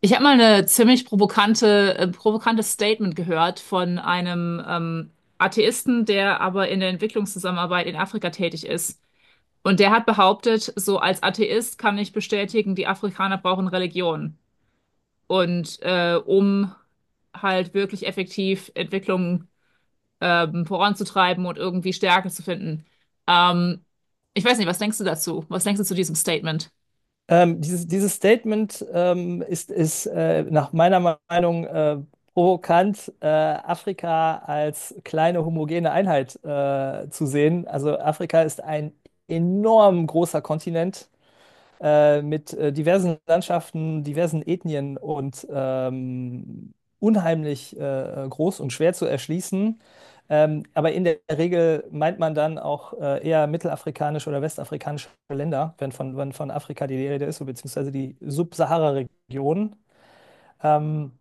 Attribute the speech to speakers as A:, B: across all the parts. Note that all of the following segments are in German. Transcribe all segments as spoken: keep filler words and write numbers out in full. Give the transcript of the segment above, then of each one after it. A: Ich habe mal eine ziemlich provokante, äh, provokantes Statement gehört von einem ähm, Atheisten, der aber in der Entwicklungszusammenarbeit in Afrika tätig ist. Und der hat behauptet, so als Atheist kann ich bestätigen, die Afrikaner brauchen Religion. Und äh, um halt wirklich effektiv Entwicklung ähm, voranzutreiben und irgendwie Stärke zu finden. Ähm, Ich weiß nicht, was denkst du dazu? Was denkst du zu diesem Statement?
B: Ähm, dieses, dieses Statement ähm, ist, ist äh, nach meiner Meinung äh, provokant, äh, Afrika als kleine homogene Einheit äh, zu sehen. Also Afrika ist ein enorm großer Kontinent äh, mit äh, diversen Landschaften, diversen Ethnien und ähm, unheimlich äh, groß und schwer zu erschließen. Ähm, aber in der Regel meint man dann auch äh, eher mittelafrikanische oder westafrikanische Länder, wenn von, wenn von Afrika die Rede ist, beziehungsweise die Subsahara-Region. Ähm,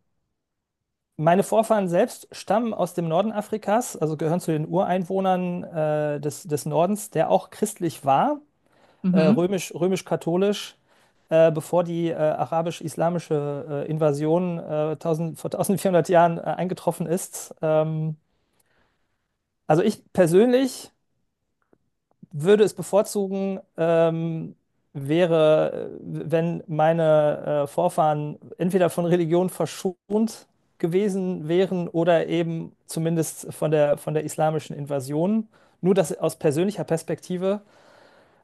B: Meine Vorfahren selbst stammen aus dem Norden Afrikas, also gehören zu den Ureinwohnern äh, des, des Nordens, der auch christlich war, äh,
A: Mhm.
B: römisch, römisch-katholisch, äh, bevor die äh, arabisch-islamische äh, Invasion äh, tausend vor eintausendvierhundert Jahren äh, eingetroffen ist. Ähm, also ich persönlich würde es bevorzugen, ähm, wäre, äh, wenn meine äh, Vorfahren entweder von Religion verschont gewesen wären oder eben zumindest von der, von der islamischen Invasion. Nur das aus persönlicher Perspektive.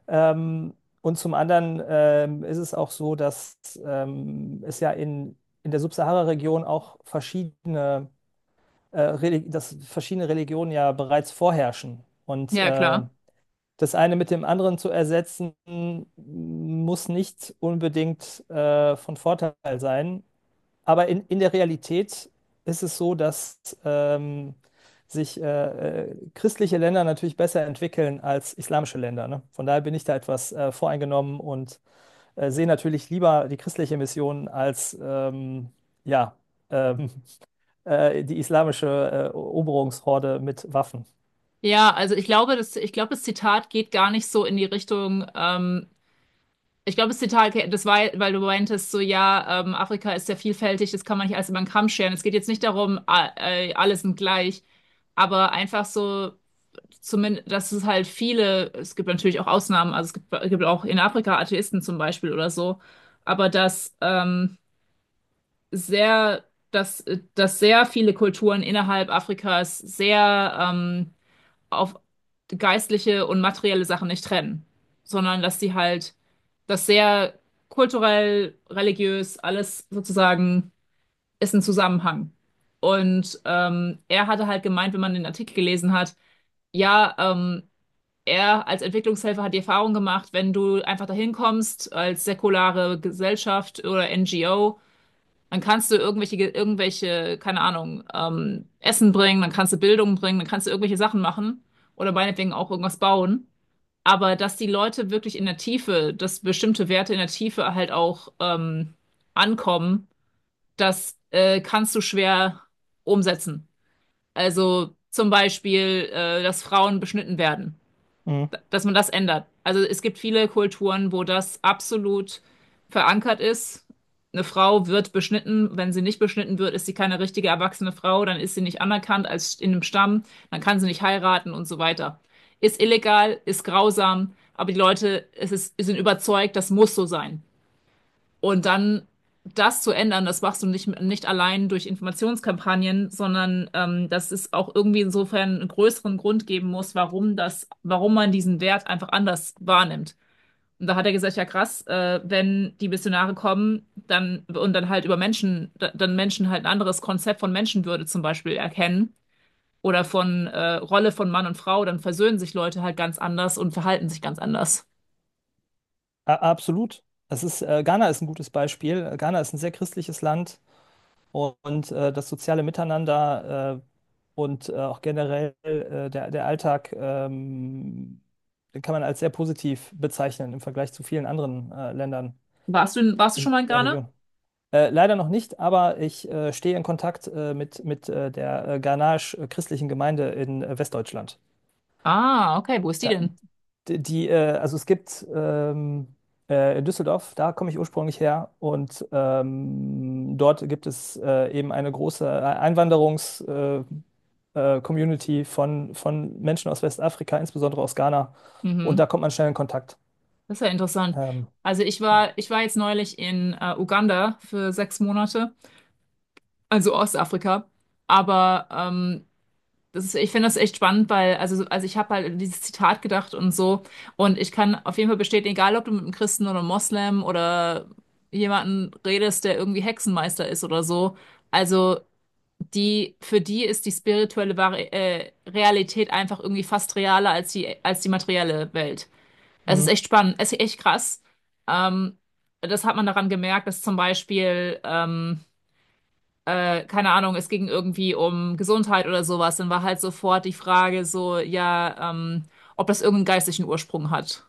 B: Ähm, und zum anderen ähm, ist es auch so, dass ähm, es ja in, in der Subsahara-Region auch verschiedene, äh, Reli- dass verschiedene Religionen ja bereits vorherrschen. Und
A: Ja,
B: äh,
A: klar.
B: das eine mit dem anderen zu ersetzen, muss nicht unbedingt äh, von Vorteil sein. Aber in, in der Realität ist es so, dass ähm, sich äh, äh, christliche Länder natürlich besser entwickeln als islamische Länder. Ne? Von daher bin ich da etwas äh, voreingenommen und äh, sehe natürlich lieber die christliche Mission als ähm, ja, ähm, äh, die islamische äh, Eroberungshorde mit Waffen.
A: Ja, also ich glaube, das, ich glaube, das Zitat geht gar nicht so in die Richtung. Ähm, ich glaube, das Zitat, okay, das war, weil du meintest, so ja, ähm, Afrika ist sehr vielfältig, das kann man nicht alles über den Kamm scheren. Es geht jetzt nicht darum, a- äh, alle sind gleich, aber einfach so, zumindest, dass es halt viele, es gibt natürlich auch Ausnahmen, also es gibt, es gibt auch in Afrika Atheisten zum Beispiel oder so, aber dass ähm, sehr, dass, dass sehr viele Kulturen innerhalb Afrikas sehr ähm, auf geistliche und materielle Sachen nicht trennen, sondern dass sie halt das sehr kulturell, religiös, alles sozusagen ist ein Zusammenhang. Und ähm, er hatte halt gemeint, wenn man den Artikel gelesen hat, ja, ähm, er als Entwicklungshelfer hat die Erfahrung gemacht, wenn du einfach dahin kommst als säkulare Gesellschaft oder N G O, dann kannst du irgendwelche, irgendwelche, keine Ahnung, ähm, Essen bringen, dann kannst du Bildung bringen, dann kannst du irgendwelche Sachen machen oder meinetwegen auch irgendwas bauen. Aber dass die Leute wirklich in der Tiefe, dass bestimmte Werte in der Tiefe halt auch ähm, ankommen, das äh, kannst du schwer umsetzen. Also zum Beispiel, äh, dass Frauen beschnitten werden,
B: Mhm.
A: dass man das ändert. Also es gibt viele Kulturen, wo das absolut verankert ist. Eine Frau wird beschnitten. Wenn sie nicht beschnitten wird, ist sie keine richtige erwachsene Frau. Dann ist sie nicht anerkannt als in einem Stamm. Dann kann sie nicht heiraten und so weiter. Ist illegal, ist grausam, aber die Leute, es ist, sind überzeugt, das muss so sein. Und dann das zu ändern, das machst du nicht, nicht allein durch Informationskampagnen, sondern ähm, dass es auch irgendwie insofern einen größeren Grund geben muss, warum das, warum man diesen Wert einfach anders wahrnimmt. Und da hat er gesagt, ja krass, äh, wenn die Missionare kommen, dann und dann halt über Menschen, da- dann Menschen halt ein anderes Konzept von Menschenwürde zum Beispiel erkennen oder von äh, Rolle von Mann und Frau, dann versöhnen sich Leute halt ganz anders und verhalten sich ganz anders.
B: A- Absolut. Es ist, äh, Ghana ist ein gutes Beispiel. Ghana ist ein sehr christliches Land. Und äh, das soziale Miteinander äh, und äh, auch generell äh, der, der Alltag, ähm, den kann man als sehr positiv bezeichnen im Vergleich zu vielen anderen äh, Ländern
A: Warst du, warst du schon
B: in
A: mal in
B: der
A: Ghana?
B: Region. Äh, leider noch nicht, aber ich äh, stehe in Kontakt äh, mit, mit äh, der äh, Ghanaisch-christlichen Gemeinde in äh, Westdeutschland.
A: Ah, okay, wo ist die
B: Da,
A: denn?
B: die, die, äh, also es gibt ähm, äh, in Düsseldorf, da komme ich ursprünglich her, und ähm, dort gibt es äh, eben eine große Einwanderungswelle, äh, Community von, von Menschen aus Westafrika, insbesondere aus Ghana. Und
A: Mhm.
B: da kommt man schnell in Kontakt.
A: Das ist ja interessant.
B: Ähm,
A: Also ich
B: genau.
A: war, ich war jetzt neulich in äh, Uganda für sechs Monate, also Ostafrika. Aber ähm, das ist, ich finde das echt spannend, weil, also, also ich habe halt an dieses Zitat gedacht und so. Und ich kann auf jeden Fall bestätigen, egal ob du mit einem Christen oder einem Moslem oder jemanden redest, der irgendwie Hexenmeister ist oder so. Also die, für die ist die spirituelle Vari äh, Realität einfach irgendwie fast realer als die, als die materielle Welt. Es ist
B: Mhm.
A: echt spannend, es ist echt krass. Ähm, das hat man daran gemerkt, dass zum Beispiel, ähm, äh, keine Ahnung, es ging irgendwie um Gesundheit oder sowas, dann war halt sofort die Frage so, ja, ähm, ob das irgendeinen geistlichen Ursprung hat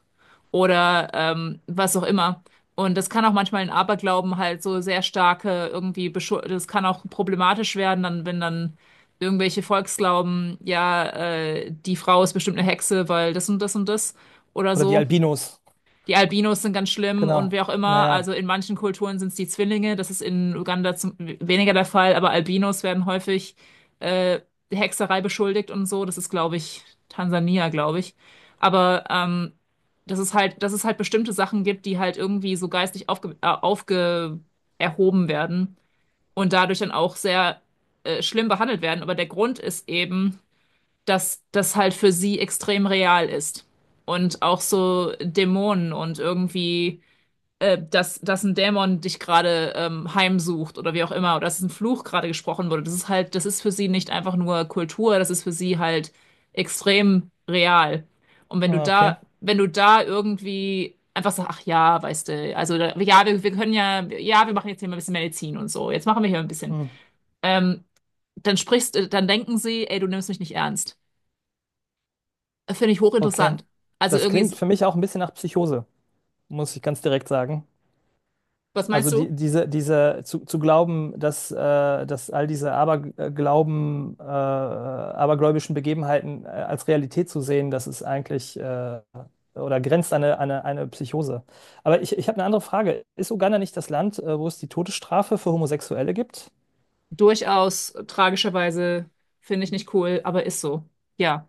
A: oder ähm, was auch immer. Und das kann auch manchmal in Aberglauben halt so sehr starke irgendwie, beschu- das kann auch problematisch werden, dann, wenn dann irgendwelche Volksglauben, ja, äh, die Frau ist bestimmt eine Hexe, weil das und das und das oder
B: Oder die
A: so.
B: Albinos,
A: Die Albinos sind ganz schlimm und
B: genau.
A: wer auch immer. Also
B: Naja.
A: in manchen Kulturen sind es die Zwillinge. Das ist in Uganda zum, weniger der Fall, aber Albinos werden häufig äh, Hexerei beschuldigt und so. Das ist, glaube ich, Tansania, glaube ich. Aber ähm, das ist halt, dass es halt bestimmte Sachen gibt, die halt irgendwie so geistig aufge, äh, aufge erhoben werden und dadurch dann auch sehr äh, schlimm behandelt werden. Aber der Grund ist eben, dass das halt für sie extrem real ist. Und auch so Dämonen und irgendwie, äh, dass, dass ein Dämon dich gerade ähm, heimsucht oder wie auch immer, oder dass ein Fluch gerade gesprochen wurde. Das ist halt, das ist für sie nicht einfach nur Kultur, das ist für sie halt extrem real. Und wenn du
B: Ah, okay.
A: da, wenn du da irgendwie einfach sagst, ach ja, weißt du, also da- ja, wir, wir können ja, ja, wir machen jetzt hier mal ein bisschen Medizin und so, jetzt machen wir hier ein bisschen.
B: Mhm.
A: Ähm, dann sprichst, äh, dann denken sie, ey, du nimmst mich nicht ernst. Finde ich
B: Okay.
A: hochinteressant. Also
B: Das
A: irgendwie,
B: klingt
A: so-
B: für mich auch ein bisschen nach Psychose, muss ich ganz direkt sagen.
A: was meinst
B: Also die,
A: du?
B: diese, diese zu, zu glauben, dass, äh, dass all diese Aberglauben, äh, abergläubischen Begebenheiten äh, als Realität zu sehen, das ist eigentlich äh, oder grenzt an eine, eine, eine Psychose. Aber ich, ich habe eine andere Frage. Ist Uganda nicht das Land, äh, wo es die Todesstrafe für Homosexuelle gibt?
A: Durchaus äh, tragischerweise finde ich nicht cool, aber ist so. Ja,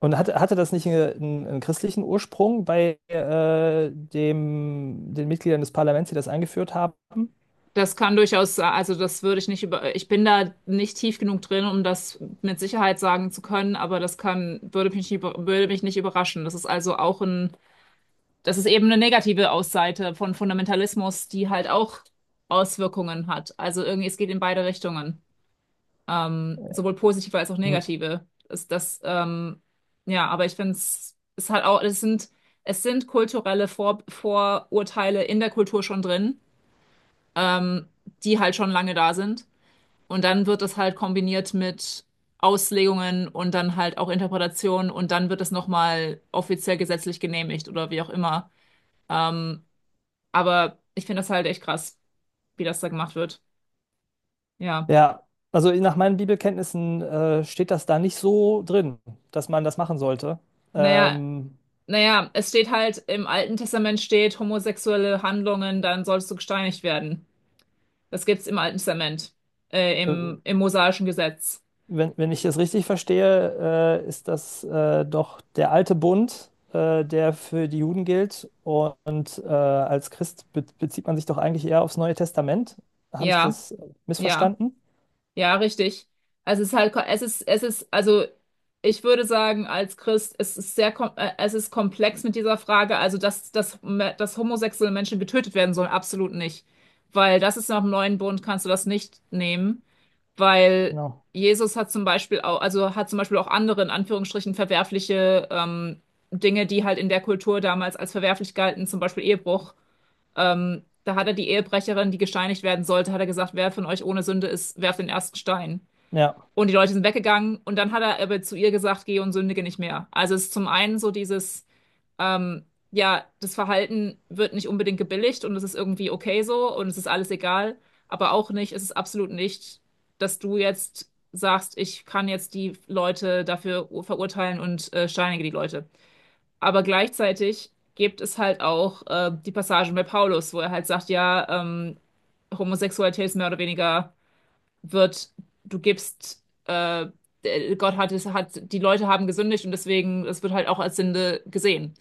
B: Und hatte, hatte das nicht einen, einen, einen christlichen Ursprung bei äh, dem, den Mitgliedern des Parlaments, die das eingeführt haben?
A: das kann durchaus, sa- also das würde ich nicht über, ich bin da nicht tief genug drin, um das mit Sicherheit sagen zu können, aber das kann, würde mich nicht, über- würde mich nicht überraschen. Das ist also auch ein, das ist eben eine negative Ausseite von Fundamentalismus, die halt auch Auswirkungen hat. Also irgendwie, es geht in beide Richtungen. Ähm, sowohl positive als auch negative. Ist das, ähm, ja, aber ich finde es ist halt auch, es sind, es sind kulturelle Vor Vorurteile in der Kultur schon drin, ähm, die halt schon lange da sind. Und dann wird das halt kombiniert mit Auslegungen und dann halt auch Interpretationen und dann wird es nochmal offiziell gesetzlich genehmigt oder wie auch immer. Ähm, aber ich finde das halt echt krass, wie das da gemacht wird. Ja.
B: Ja, also nach meinen Bibelkenntnissen äh, steht das da nicht so drin, dass man das machen sollte.
A: Naja,
B: Ähm,
A: naja, es steht halt, im Alten Testament steht, homosexuelle Handlungen, dann sollst du gesteinigt werden. Das gibt's im Alten Testament, äh,
B: äh,
A: im, im mosaischen Gesetz.
B: wenn, wenn ich das richtig verstehe, äh, ist das äh, doch der alte Bund, äh, der für die Juden gilt. Und äh, als Christ be bezieht man sich doch eigentlich eher aufs Neue Testament. Habe ich
A: Ja,
B: das
A: ja.
B: missverstanden?
A: Ja, richtig. Also es ist halt, es ist, es ist, also ich würde sagen, als Christ, es ist sehr, kom- äh, es ist komplex mit dieser Frage. Also, dass, dass, me- dass homosexuelle Menschen getötet werden sollen, absolut nicht. Weil das ist nach dem neuen Bund, kannst du das nicht nehmen. Weil
B: Genau.
A: Jesus hat zum Beispiel auch, also hat zum Beispiel auch andere, in Anführungsstrichen, verwerfliche ähm, Dinge, die halt in der Kultur damals als verwerflich galten, zum Beispiel Ehebruch. Ähm, da hat er die Ehebrecherin, die gesteinigt werden sollte, hat er gesagt, wer von euch ohne Sünde ist, werft den ersten Stein.
B: Ja.
A: Und die Leute sind weggegangen und dann hat er aber zu ihr gesagt, geh und sündige nicht mehr. Also es ist zum einen so dieses, ähm, ja, das Verhalten wird nicht unbedingt gebilligt und es ist irgendwie okay so und es ist alles egal, aber auch nicht, es ist absolut nicht, dass du jetzt sagst, ich kann jetzt die Leute dafür verurteilen und äh, steinige die Leute. Aber gleichzeitig gibt es halt auch äh, die Passagen bei Paulus, wo er halt sagt, ja, ähm, Homosexualität ist mehr oder weniger wird, du gibst, äh, äh, Gott hat es, hat, die Leute haben gesündigt und deswegen, es wird halt auch als Sünde gesehen.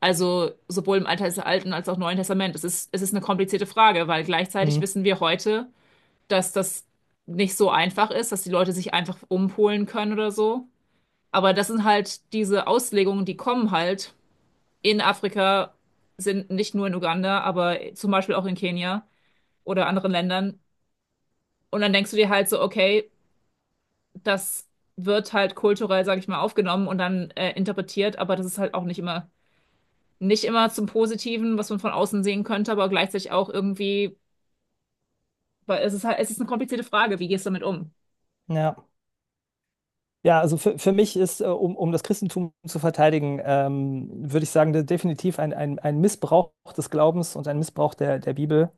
A: Also sowohl im Alten Alten als auch Neuen Testament. Es ist, es ist eine komplizierte Frage, weil gleichzeitig
B: Mhm.
A: wissen wir heute, dass das nicht so einfach ist, dass die Leute sich einfach umpolen können oder so. Aber das sind halt diese Auslegungen, die kommen halt in Afrika sind, nicht nur in Uganda, aber zum Beispiel auch in Kenia oder anderen Ländern. Und dann denkst du dir halt so, okay, das wird halt kulturell, sag ich mal, aufgenommen und dann äh, interpretiert, aber das ist halt auch nicht immer, nicht immer zum Positiven, was man von außen sehen könnte, aber gleichzeitig auch irgendwie, weil es ist halt, es ist eine komplizierte Frage, wie gehst du damit um?
B: Ja. Ja, also für, für mich ist, äh, um, um das Christentum zu verteidigen, ähm, würde ich sagen, de- definitiv ein, ein, ein Missbrauch des Glaubens und ein Missbrauch der, der Bibel,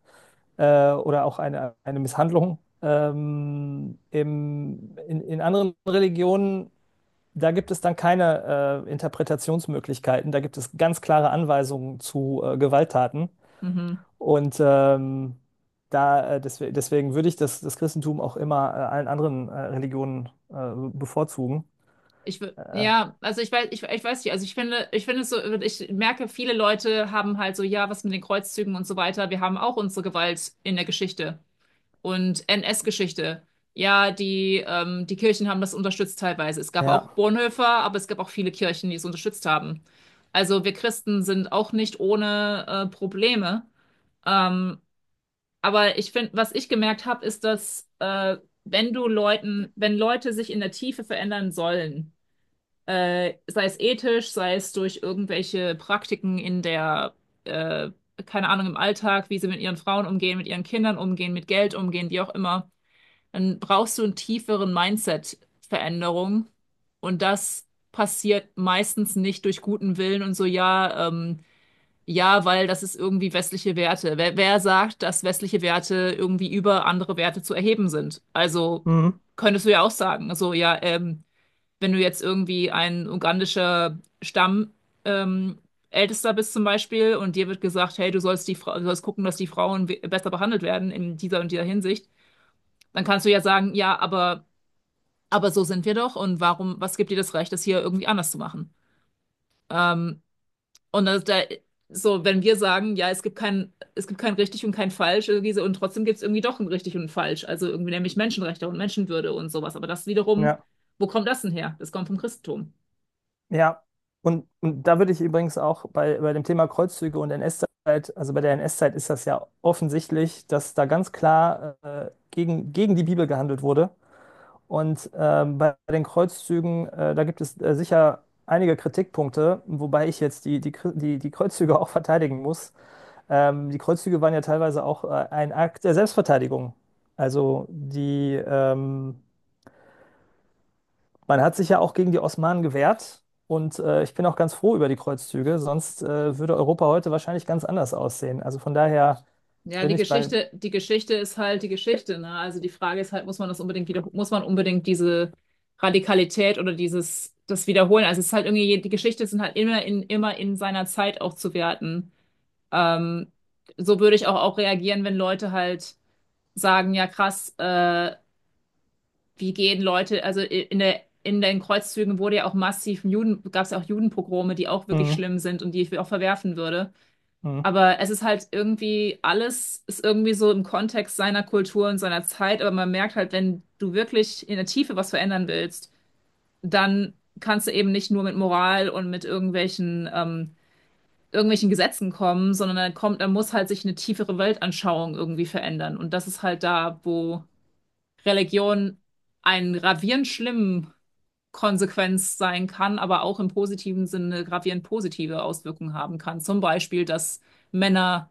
B: äh, oder auch eine, eine Misshandlung. Ähm, im, in, in anderen Religionen, da gibt es dann keine äh, Interpretationsmöglichkeiten, da gibt es ganz klare Anweisungen zu äh, Gewalttaten.
A: Mhm.
B: Und ähm, da, äh, deswe- deswegen würde ich das, das Christentum auch immer äh, allen anderen äh, Religionen äh, bevorzugen.
A: Ich, wü-
B: Äh,
A: ja, also ich weiß, ich, ich weiß nicht, also ich finde, ich finde es so, ich merke, viele Leute haben halt so, ja, was mit den Kreuzzügen und so weiter, wir haben auch unsere Gewalt in der Geschichte und N S-Geschichte. Ja, die, ähm, die Kirchen haben das unterstützt teilweise. Es gab
B: Ja,
A: auch Bonhoeffer, aber es gab auch viele Kirchen, die es unterstützt haben. Also wir Christen sind auch nicht ohne äh, Probleme. Ähm, aber ich finde, was ich gemerkt habe, ist, dass äh, wenn du Leuten, wenn Leute sich in der Tiefe verändern sollen, äh, sei es ethisch, sei es durch irgendwelche Praktiken in der, äh, keine Ahnung, im Alltag, wie sie mit ihren Frauen umgehen, mit ihren Kindern umgehen, mit Geld umgehen, wie auch immer, dann brauchst du einen tieferen Mindset-Veränderung. Und das passiert meistens nicht durch guten Willen und so, ja, ähm, ja, weil das ist irgendwie westliche Werte. Wer, wer sagt, dass westliche Werte irgendwie über andere Werte zu erheben sind? Also
B: mhm.
A: könntest du ja auch sagen, so, ja, ähm, wenn du jetzt irgendwie ein ugandischer Stamm, ähm, Ältester bist zum Beispiel und dir wird gesagt, hey, du sollst die Frau, du sollst gucken, dass die Frauen we- besser behandelt werden in dieser und dieser Hinsicht, dann kannst du ja sagen, ja, aber aber so sind wir doch und warum, was gibt dir das Recht, das hier irgendwie anders zu machen? Ähm, und das, da, so, wenn wir sagen, ja, es gibt kein, es gibt kein richtig und kein falsch irgendwie so, und trotzdem gibt es irgendwie doch ein richtig und ein falsch, also irgendwie nämlich Menschenrechte und Menschenwürde und sowas, aber das wiederum,
B: Ja,
A: wo kommt das denn her? Das kommt vom Christentum.
B: ja. Und, und da würde ich übrigens auch bei, bei dem Thema Kreuzzüge und N S-Zeit, also bei der N S-Zeit ist das ja offensichtlich, dass da ganz klar äh, gegen, gegen die Bibel gehandelt wurde. Und ähm, bei den Kreuzzügen, äh, da gibt es äh, sicher einige Kritikpunkte, wobei ich jetzt die, die, Kri- die, die Kreuzzüge auch verteidigen muss. Ähm, die Kreuzzüge waren ja teilweise auch äh, ein Akt der Selbstverteidigung. Also die ähm, Man hat sich ja auch gegen die Osmanen gewehrt und äh, ich bin auch ganz froh über die Kreuzzüge, sonst äh, würde Europa heute wahrscheinlich ganz anders aussehen. Also von daher
A: Ja,
B: bin
A: die
B: ich bei.
A: Geschichte, die Geschichte ist halt die Geschichte, ne? Also die Frage ist halt, muss man das unbedingt wieder, muss man unbedingt diese Radikalität oder dieses, das wiederholen? Also es ist halt irgendwie, die Geschichte sind halt immer in, immer in seiner Zeit auch zu werten. Ähm, so würde ich auch, auch reagieren, wenn Leute halt sagen, ja krass, äh, wie gehen Leute, also i- in der, in den Kreuzzügen wurde ja auch massiv Juden, gab es ja auch Judenpogrome, die auch wirklich
B: Mhm,
A: schlimm sind und die ich auch verwerfen würde.
B: mhm,
A: Aber es ist halt irgendwie, alles ist irgendwie so im Kontext seiner Kultur und seiner Zeit, aber man merkt halt, wenn du wirklich in der Tiefe was verändern willst, dann kannst du eben nicht nur mit Moral und mit irgendwelchen ähm, irgendwelchen Gesetzen kommen, sondern dann kommt, dann muss halt sich eine tiefere Weltanschauung irgendwie verändern. Und das ist halt da, wo Religion einen gravierend schlimmen Konsequenz sein kann, aber auch im positiven Sinne gravierend positive Auswirkungen haben kann. Zum Beispiel, dass Männer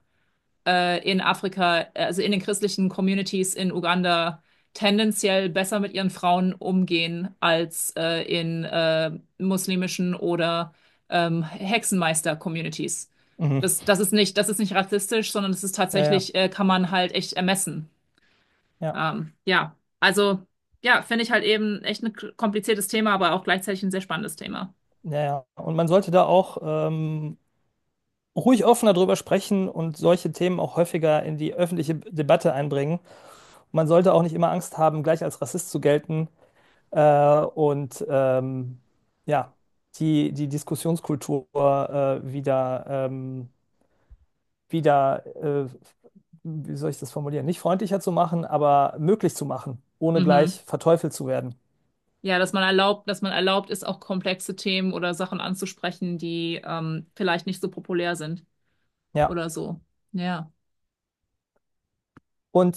A: äh, in Afrika, äh, also in den christlichen Communities in Uganda, tendenziell besser mit ihren Frauen umgehen als äh, in äh, muslimischen oder ähm, Hexenmeister-Communities.
B: mhm.
A: Das, das ist nicht, das ist nicht rassistisch, sondern das ist
B: Ja, ja,
A: tatsächlich, äh, kann man halt echt ermessen.
B: ja,
A: Ähm, ja, also ja, finde ich halt eben echt ein kompliziertes Thema, aber auch gleichzeitig ein sehr spannendes Thema.
B: ja. Ja. Und man sollte da auch ähm, ruhig offener drüber sprechen und solche Themen auch häufiger in die öffentliche Debatte einbringen. Und man sollte auch nicht immer Angst haben, gleich als Rassist zu gelten. Äh, und ähm, ja, die, die Diskussionskultur äh, wieder. Ähm, wieder, äh, wie soll ich das formulieren, nicht freundlicher zu machen, aber möglich zu machen, ohne
A: Mhm.
B: gleich verteufelt zu werden.
A: Ja, dass man erlaubt, dass man erlaubt ist, auch komplexe Themen oder Sachen anzusprechen, die ähm, vielleicht nicht so populär sind
B: Ja.
A: oder so. Ja.
B: Und